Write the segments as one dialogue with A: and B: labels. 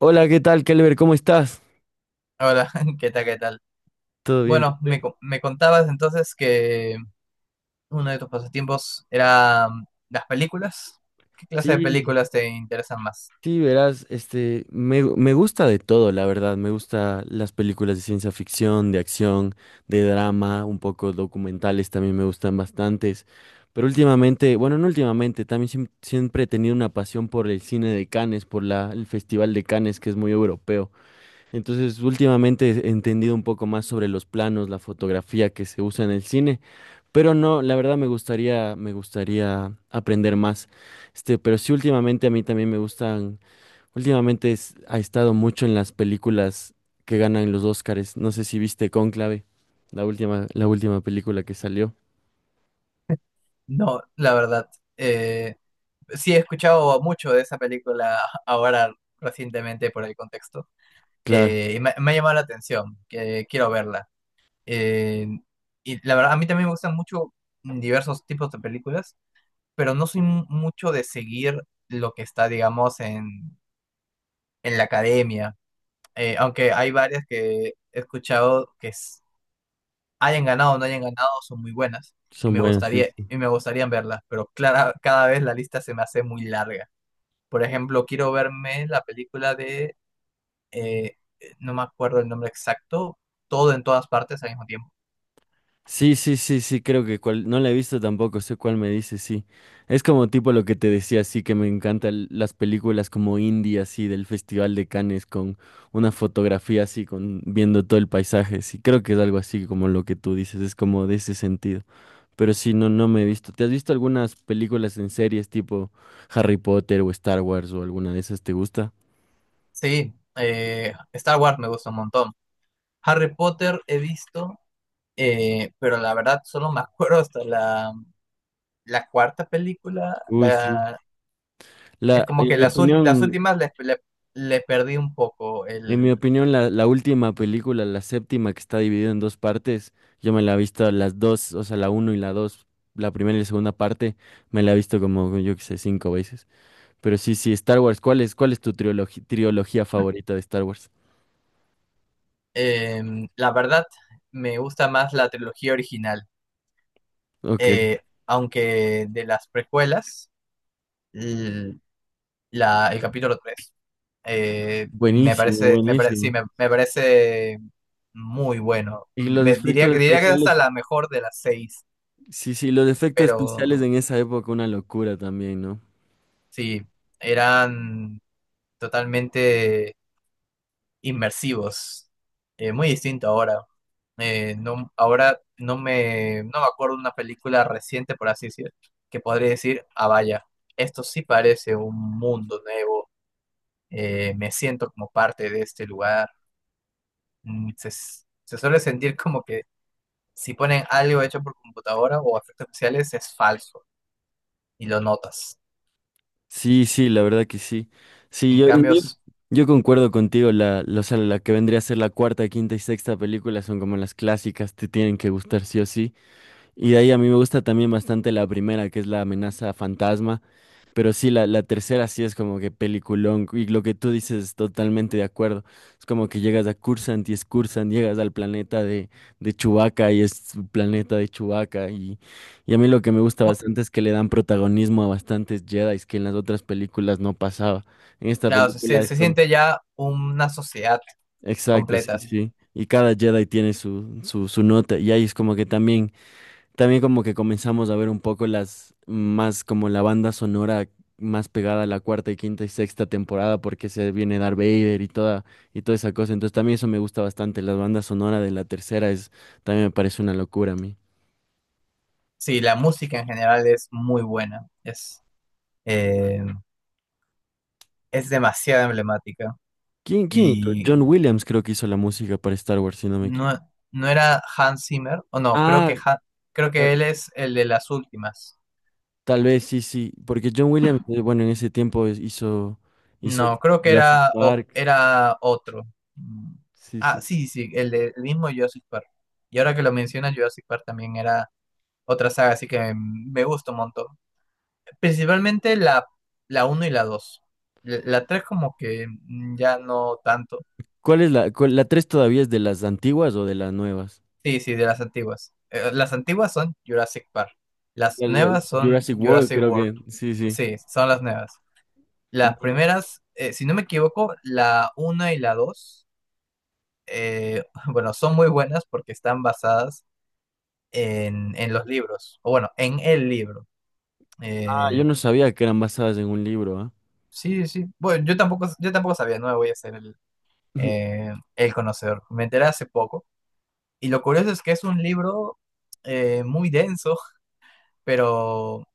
A: Hola, ¿qué tal, Kelber? ¿Cómo estás?
B: Hola, ¿qué tal? ¿Qué tal?
A: ¿Todo bien?
B: Bueno, me contabas entonces que uno de tus pasatiempos era las películas. ¿Qué clase de
A: Sí,
B: películas te interesan más?
A: sí, verás, me gusta de todo, la verdad. Me gusta las películas de ciencia ficción, de acción, de drama, un poco documentales también me gustan bastantes. Pero últimamente, bueno, no últimamente, también siempre he tenido una pasión por el cine de Cannes, por el Festival de Cannes, que es muy europeo. Entonces, últimamente he entendido un poco más sobre los planos, la fotografía que se usa en el cine, pero no, la verdad me gustaría aprender más. Este, pero sí, últimamente a mí también me gustan, últimamente ha estado mucho en las películas que ganan los Óscares. No sé si viste Cónclave, la última película que salió.
B: No, la verdad. eh, sí he escuchado mucho de esa película ahora recientemente por el contexto.
A: Claro,
B: Me ha llamado la atención, que quiero verla. Eh, y la verdad, a mí también me gustan mucho diversos tipos de películas, pero no soy mucho de seguir lo que está, digamos, en la academia, aunque hay varias que he escuchado que hayan ganado o no hayan ganado, son muy buenas,
A: son buenas, sí.
B: y me gustaría verlas, pero clara, cada vez la lista se me hace muy larga. Por ejemplo, quiero verme la película de, eh, no me acuerdo el nombre exacto, todo en todas partes al mismo tiempo.
A: Sí, sí, sí, sí, creo que cual, no la he visto tampoco, sé cuál me dice, sí. Es como tipo lo que te decía, sí, que me encantan las películas como indie, así, del Festival de Cannes, con una fotografía así, con viendo todo el paisaje, sí, creo que es algo así como lo que tú dices, es como de ese sentido. Pero sí, no, no me he visto. ¿Te has visto algunas películas en series tipo Harry Potter o Star Wars o alguna de esas? ¿Te gusta?
B: Sí, Star Wars me gusta un montón. Harry Potter he visto, pero la verdad solo me acuerdo hasta la, la cuarta película,
A: Uy, sí.
B: la... Es
A: La,
B: como
A: en
B: que
A: mi
B: las, las
A: opinión,
B: últimas le perdí un poco
A: en mi
B: el...
A: opinión, la última película, la séptima que está dividida en dos partes, yo me la he visto las dos, o sea, la uno y la dos, la primera y la segunda parte, me la he visto como, yo qué sé, cinco veces. Pero sí, sí, Star Wars, cuál es tu trilogía favorita de Star Wars?
B: La verdad, me gusta más la trilogía original,
A: Ok,
B: aunque de las precuelas, l- la, el capítulo 3 me
A: buenísimo,
B: parece, sí,
A: buenísimo.
B: me parece muy bueno.
A: Y los efectos
B: Diría que es hasta
A: especiales,
B: la mejor de las seis,
A: sí, sí, los efectos
B: pero
A: especiales en esa época, una locura también, ¿no?
B: sí, eran totalmente... inmersivos, muy distinto ahora. No, ahora no me acuerdo de una película reciente, por así decir, que podría decir, ah, vaya, esto sí parece un mundo nuevo, me siento como parte de este lugar. Se suele sentir como que si ponen algo hecho por computadora o efectos especiales es falso y lo notas.
A: Sí, sí, la verdad que sí. Sí,
B: En cambio,
A: yo concuerdo contigo, la, o sea, la que vendría a ser la cuarta, quinta y sexta película son como las clásicas, te tienen que gustar sí o sí. Y de ahí a mí me gusta también bastante la primera, que es la amenaza fantasma. Pero sí, la tercera sí es como que peliculón. Y lo que tú dices, totalmente de acuerdo. Es como que llegas a Cursant y es Cursant, llegas al planeta de Chewbacca y es su planeta de Chewbacca. Y a mí lo que me gusta
B: oh,
A: bastante es que le dan protagonismo a bastantes Jedi, que en las otras películas no pasaba. En esta
B: claro,
A: película es
B: se
A: como...
B: siente ya una sociedad
A: Exacto, sí,
B: completa.
A: sí. Y cada Jedi tiene su nota. Y ahí es como que también también como que comenzamos a ver un poco las más como la banda sonora más pegada a la cuarta y quinta y sexta temporada porque se viene Darth Vader y toda esa cosa. Entonces también eso me gusta bastante. La banda sonora de la tercera es también me parece una locura a mí.
B: Sí, la música en general es muy buena. Eh, es demasiado emblemática.
A: ¿Quién, quién hizo?
B: Y
A: John Williams creo que hizo la música para Star Wars, si no me
B: no,
A: equivoco.
B: no era Hans Zimmer, o no, creo
A: Ah,
B: que, creo que
A: ta-
B: él es el de las últimas.
A: tal vez sí, sí, porque John Williams, bueno, en ese tiempo hizo hizo
B: No, creo que
A: Jurassic
B: era,
A: Park.
B: era otro. Mm,
A: Sí,
B: Ah,
A: sí.
B: sí, sí, el, el mismo Jurassic Park. Y ahora que lo mencionas, Jurassic Park también era otra saga, así que me gusta un montón. Principalmente la, la uno y la dos. La la 3 como que ya no tanto.
A: ¿Cuál es la la tres todavía es de las antiguas o de las nuevas?
B: Sí, sí, de las antiguas. Las antiguas son Jurassic Park. Las nuevas son
A: Jurassic World,
B: Jurassic
A: creo
B: World.
A: que. Sí, sí.
B: Sí, son las nuevas. Las
A: No,
B: primeras, si no me equivoco, la 1 y la 2, eh, bueno, son muy buenas porque están basadas en los libros, o bueno, en el libro.
A: ah, yo
B: Eh,
A: no sabía que eran basadas en un libro, ¿ah?
B: sí, sí. Bueno, yo tampoco sabía, no me voy a hacer el conocedor. Me enteré hace poco. Y lo curioso es que es un libro muy denso, pero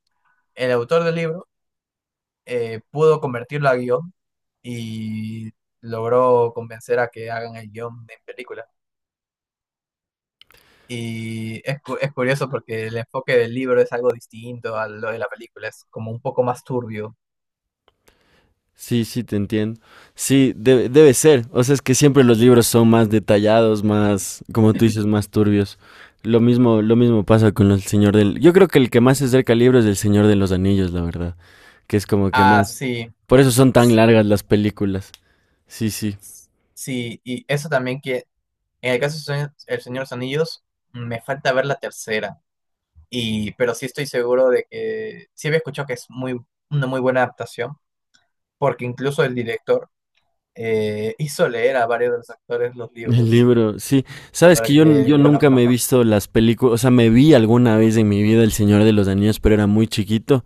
B: el autor del libro pudo convertirlo a guión y logró convencer a que hagan el guión en película. Y es, es curioso porque el enfoque del libro es algo distinto a lo de la película, es como un poco más turbio.
A: Sí, sí, te entiendo. Sí, debe, debe ser. O sea, es que siempre los libros son más detallados, más, como tú dices, más turbios. Lo mismo pasa con el Señor del... Yo creo que el que más se acerca al libro es el Señor de los Anillos, la verdad. Que es como que
B: Ah,
A: más...
B: sí,
A: Por eso son tan
B: s-
A: largas las películas. Sí, sí.
B: sí, y eso también que en el caso de El Señor de los Anillos me falta ver la tercera, y, pero sí estoy seguro de que sí había escuchado que es muy, una muy buena adaptación, porque incluso el director hizo leer a varios de los actores los
A: El
B: libros
A: libro, sí. Sabes que
B: para que
A: yo nunca
B: conozcan.
A: me he visto las películas, o sea, me vi alguna vez en mi vida El Señor de los Anillos, pero era muy chiquito.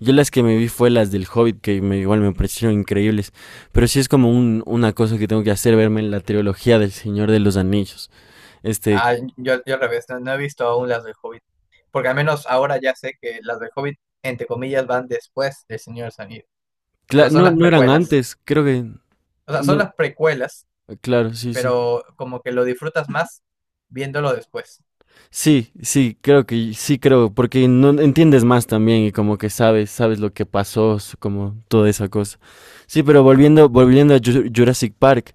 A: Yo las que me vi fue las del Hobbit, que me, igual me parecieron increíbles. Pero sí es como un, una cosa que tengo que hacer, verme en la trilogía del Señor de los Anillos. Este,
B: Ah, yo al revés, no, no he visto aún las del Hobbit, porque al menos ahora ya sé que las del Hobbit, entre comillas, van después del Señor de los Anillos. O sea, son
A: no,
B: las
A: no eran
B: precuelas.
A: antes, creo que...
B: O sea, son
A: No,
B: las precuelas,
A: claro, sí, sí.
B: pero como que lo disfrutas más viéndolo después.
A: Sí, sí, creo que sí creo, porque no entiendes más también y como que sabes, sabes lo que pasó, como toda esa cosa. Sí, pero volviendo, volviendo a Jurassic Park,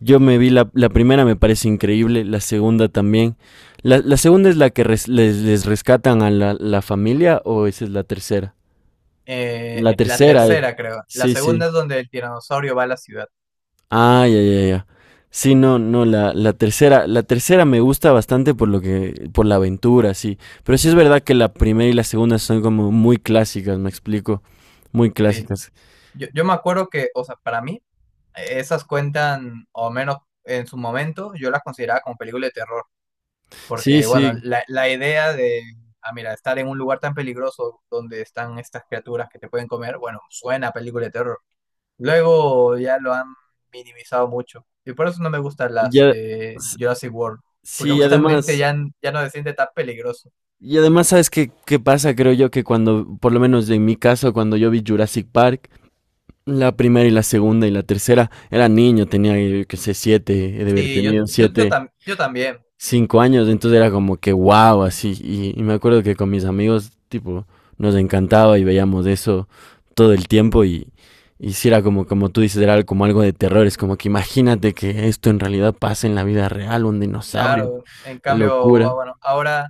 A: yo me vi la primera, me parece increíble, la segunda también. La segunda es la que les rescatan a la familia o esa es la tercera? La
B: La
A: tercera, eh.
B: tercera, creo. La
A: Sí, sí.
B: segunda es donde el tiranosaurio va a la ciudad.
A: Ah, ya, ya, ya. Sí, no, no, la tercera me gusta bastante por lo que, por la aventura, sí. Pero sí es verdad que la primera y la segunda son como muy clásicas, me explico. Muy
B: Sí.
A: clásicas.
B: Yo me acuerdo que, o sea, para mí, esas cuentan, o menos en su momento, yo las consideraba como película de terror.
A: Sí,
B: Porque, bueno,
A: sí.
B: la idea de, ah, mira, estar en un lugar tan peligroso donde están estas criaturas que te pueden comer, bueno, suena a película de terror. Luego ya lo han minimizado mucho. Y por eso no me gustan las
A: Ya,
B: de
A: s-
B: Jurassic World. Porque
A: sí,
B: justamente
A: además,
B: ya, ya no se siente tan peligroso.
A: y además, ¿sabes qué, qué pasa? Creo yo que cuando, por lo menos en mi caso, cuando yo vi Jurassic Park, la primera y la segunda y la tercera, era niño, tenía, yo qué sé, siete, he de haber
B: Sí,
A: tenido siete.
B: yo también,
A: Cinco años, entonces era como que wow, así. Y me acuerdo que con mis amigos, tipo, nos encantaba y veíamos eso todo el tiempo y si era como, como tú dices, era como algo de terror, es como que imagínate que esto en realidad pasa en la vida real, un dinosaurio,
B: claro. En cambio, ah,
A: locura.
B: bueno, ahora,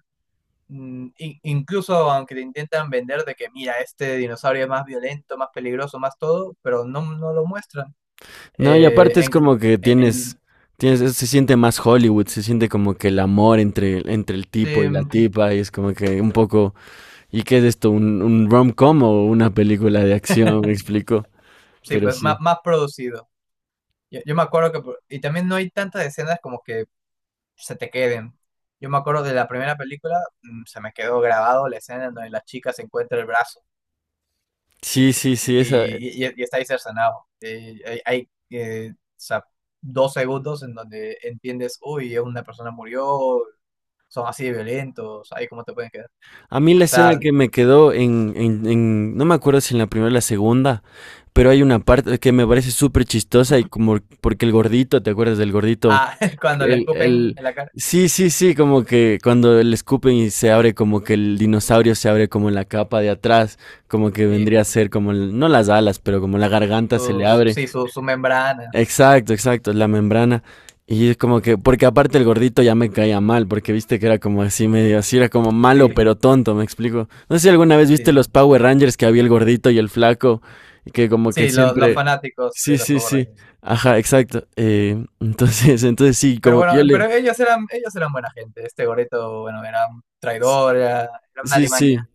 B: incluso aunque te intentan vender de que, mira, este dinosaurio es más violento, más peligroso, más todo, pero no, no lo muestran.
A: No, y
B: eh,
A: aparte es
B: en,
A: como que tienes,
B: en-
A: tienes, se siente más Hollywood, se siente como que el amor entre, entre el tipo
B: sí,
A: y la tipa, y es como que un poco, ¿y qué es esto? Un rom-com o una película de acción? Me explico,
B: sí,
A: pero
B: pues
A: sí.
B: más, producido. Yo me acuerdo que, y también no hay tantas escenas como que se te queden. Yo me acuerdo de la primera película, se me quedó grabado la escena en donde la chica se encuentra el brazo
A: Sí, sí, sí, esa.
B: y, y está ahí cercenado. Hay, o sea, dos segundos en donde entiendes, uy, una persona murió, son así de violentos, ahí cómo te pueden quedar. O
A: A mí la escena
B: sea,
A: que me quedó no me acuerdo si en la primera o la segunda, pero hay una parte que me parece súper chistosa y como porque el gordito, ¿te acuerdas del gordito?
B: ah, cuando le
A: El,
B: escupen
A: el,
B: en la cara,
A: sí, sí, sí, como que cuando le escupen y se abre como que el dinosaurio se abre como en la capa de atrás, como que
B: sí,
A: vendría a ser como, no las alas, pero como la garganta se le abre.
B: sí, sus membranas.
A: Exacto, exacto, la membrana. Y es como que, porque aparte el gordito ya me caía mal, porque viste que era como así medio, así era como malo
B: Sí,
A: pero tonto, me explico. No sé si alguna vez viste
B: sí,
A: los Power Rangers que había el gordito y el flaco, y que como que
B: sí, los
A: siempre...
B: fanáticos
A: Sí,
B: de los
A: sí,
B: Power
A: sí.
B: Rangers.
A: Ajá, exacto. Entonces, entonces sí,
B: Pero
A: como que yo
B: bueno,
A: le...
B: pero ellos eran buena gente. Este Goreto, bueno, era un traidor, era, era una
A: Sí,
B: alimaña.
A: sí,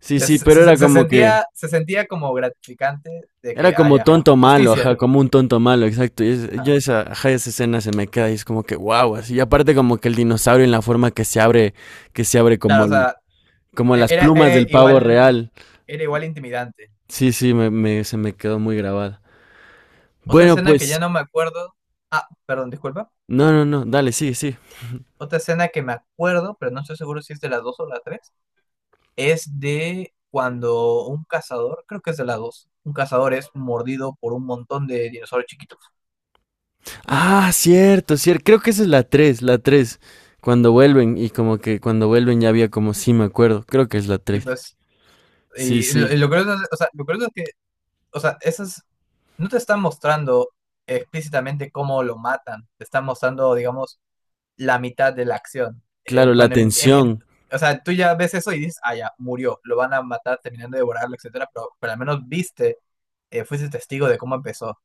A: sí, sí, pero era
B: Se
A: como que...
B: sentía, se sentía como gratificante de
A: Era
B: que
A: como
B: haya
A: tonto malo, ajá,
B: justicia.
A: como un tonto malo, exacto. Yo
B: Ajá.
A: esa, ajá, esa escena se me queda y es como que wow, así. Y aparte como que el dinosaurio en la forma que se abre como
B: Claro, o sea,
A: como las
B: era,
A: plumas del pavo real.
B: era igual intimidante.
A: Sí, sí, se me quedó muy grabada.
B: Otra
A: Bueno,
B: escena que
A: pues,
B: ya no me acuerdo. Ah, perdón, disculpa.
A: no, no, no, dale, sí, sí.
B: Otra escena que me acuerdo, pero no estoy seguro si es de las dos o las tres. Es de cuando un cazador, creo que es de la dos, un cazador es mordido por un montón de dinosaurios chiquitos.
A: Ah, cierto, cierto. Creo que esa es la 3, la 3. Cuando vuelven y como que cuando vuelven ya había como, sí, me acuerdo. Creo que es la
B: Y
A: 3.
B: pues,
A: Sí,
B: y
A: sí.
B: lo curioso, o sea, lo curioso es que, o sea, esas no te están mostrando explícitamente cómo lo matan, te están mostrando, digamos, la mitad de la acción.
A: Claro, la tensión.
B: O sea, tú ya ves eso y dices, ah, ya, murió, lo van a matar terminando de devorarlo, etcétera, pero al menos viste, fuiste testigo de cómo empezó.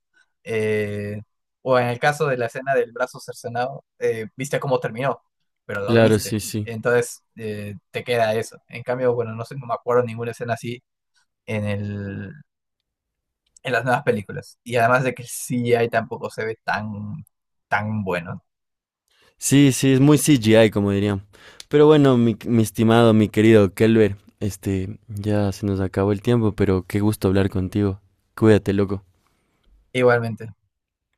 B: Eh, o en el caso de la escena del brazo cercenado, viste cómo terminó, pero lo
A: Claro, sí,
B: viste.
A: sí.
B: Entonces te queda eso. En cambio, bueno, no sé, no me acuerdo ninguna escena así en el, en las nuevas películas. Y además de que el CGI tampoco se ve tan, tan bueno.
A: Sí, sí, es muy CGI, como dirían. Pero bueno, mi estimado, mi querido Kelber, este, ya se nos acabó el tiempo, pero qué gusto hablar contigo. Cuídate, loco.
B: Igualmente.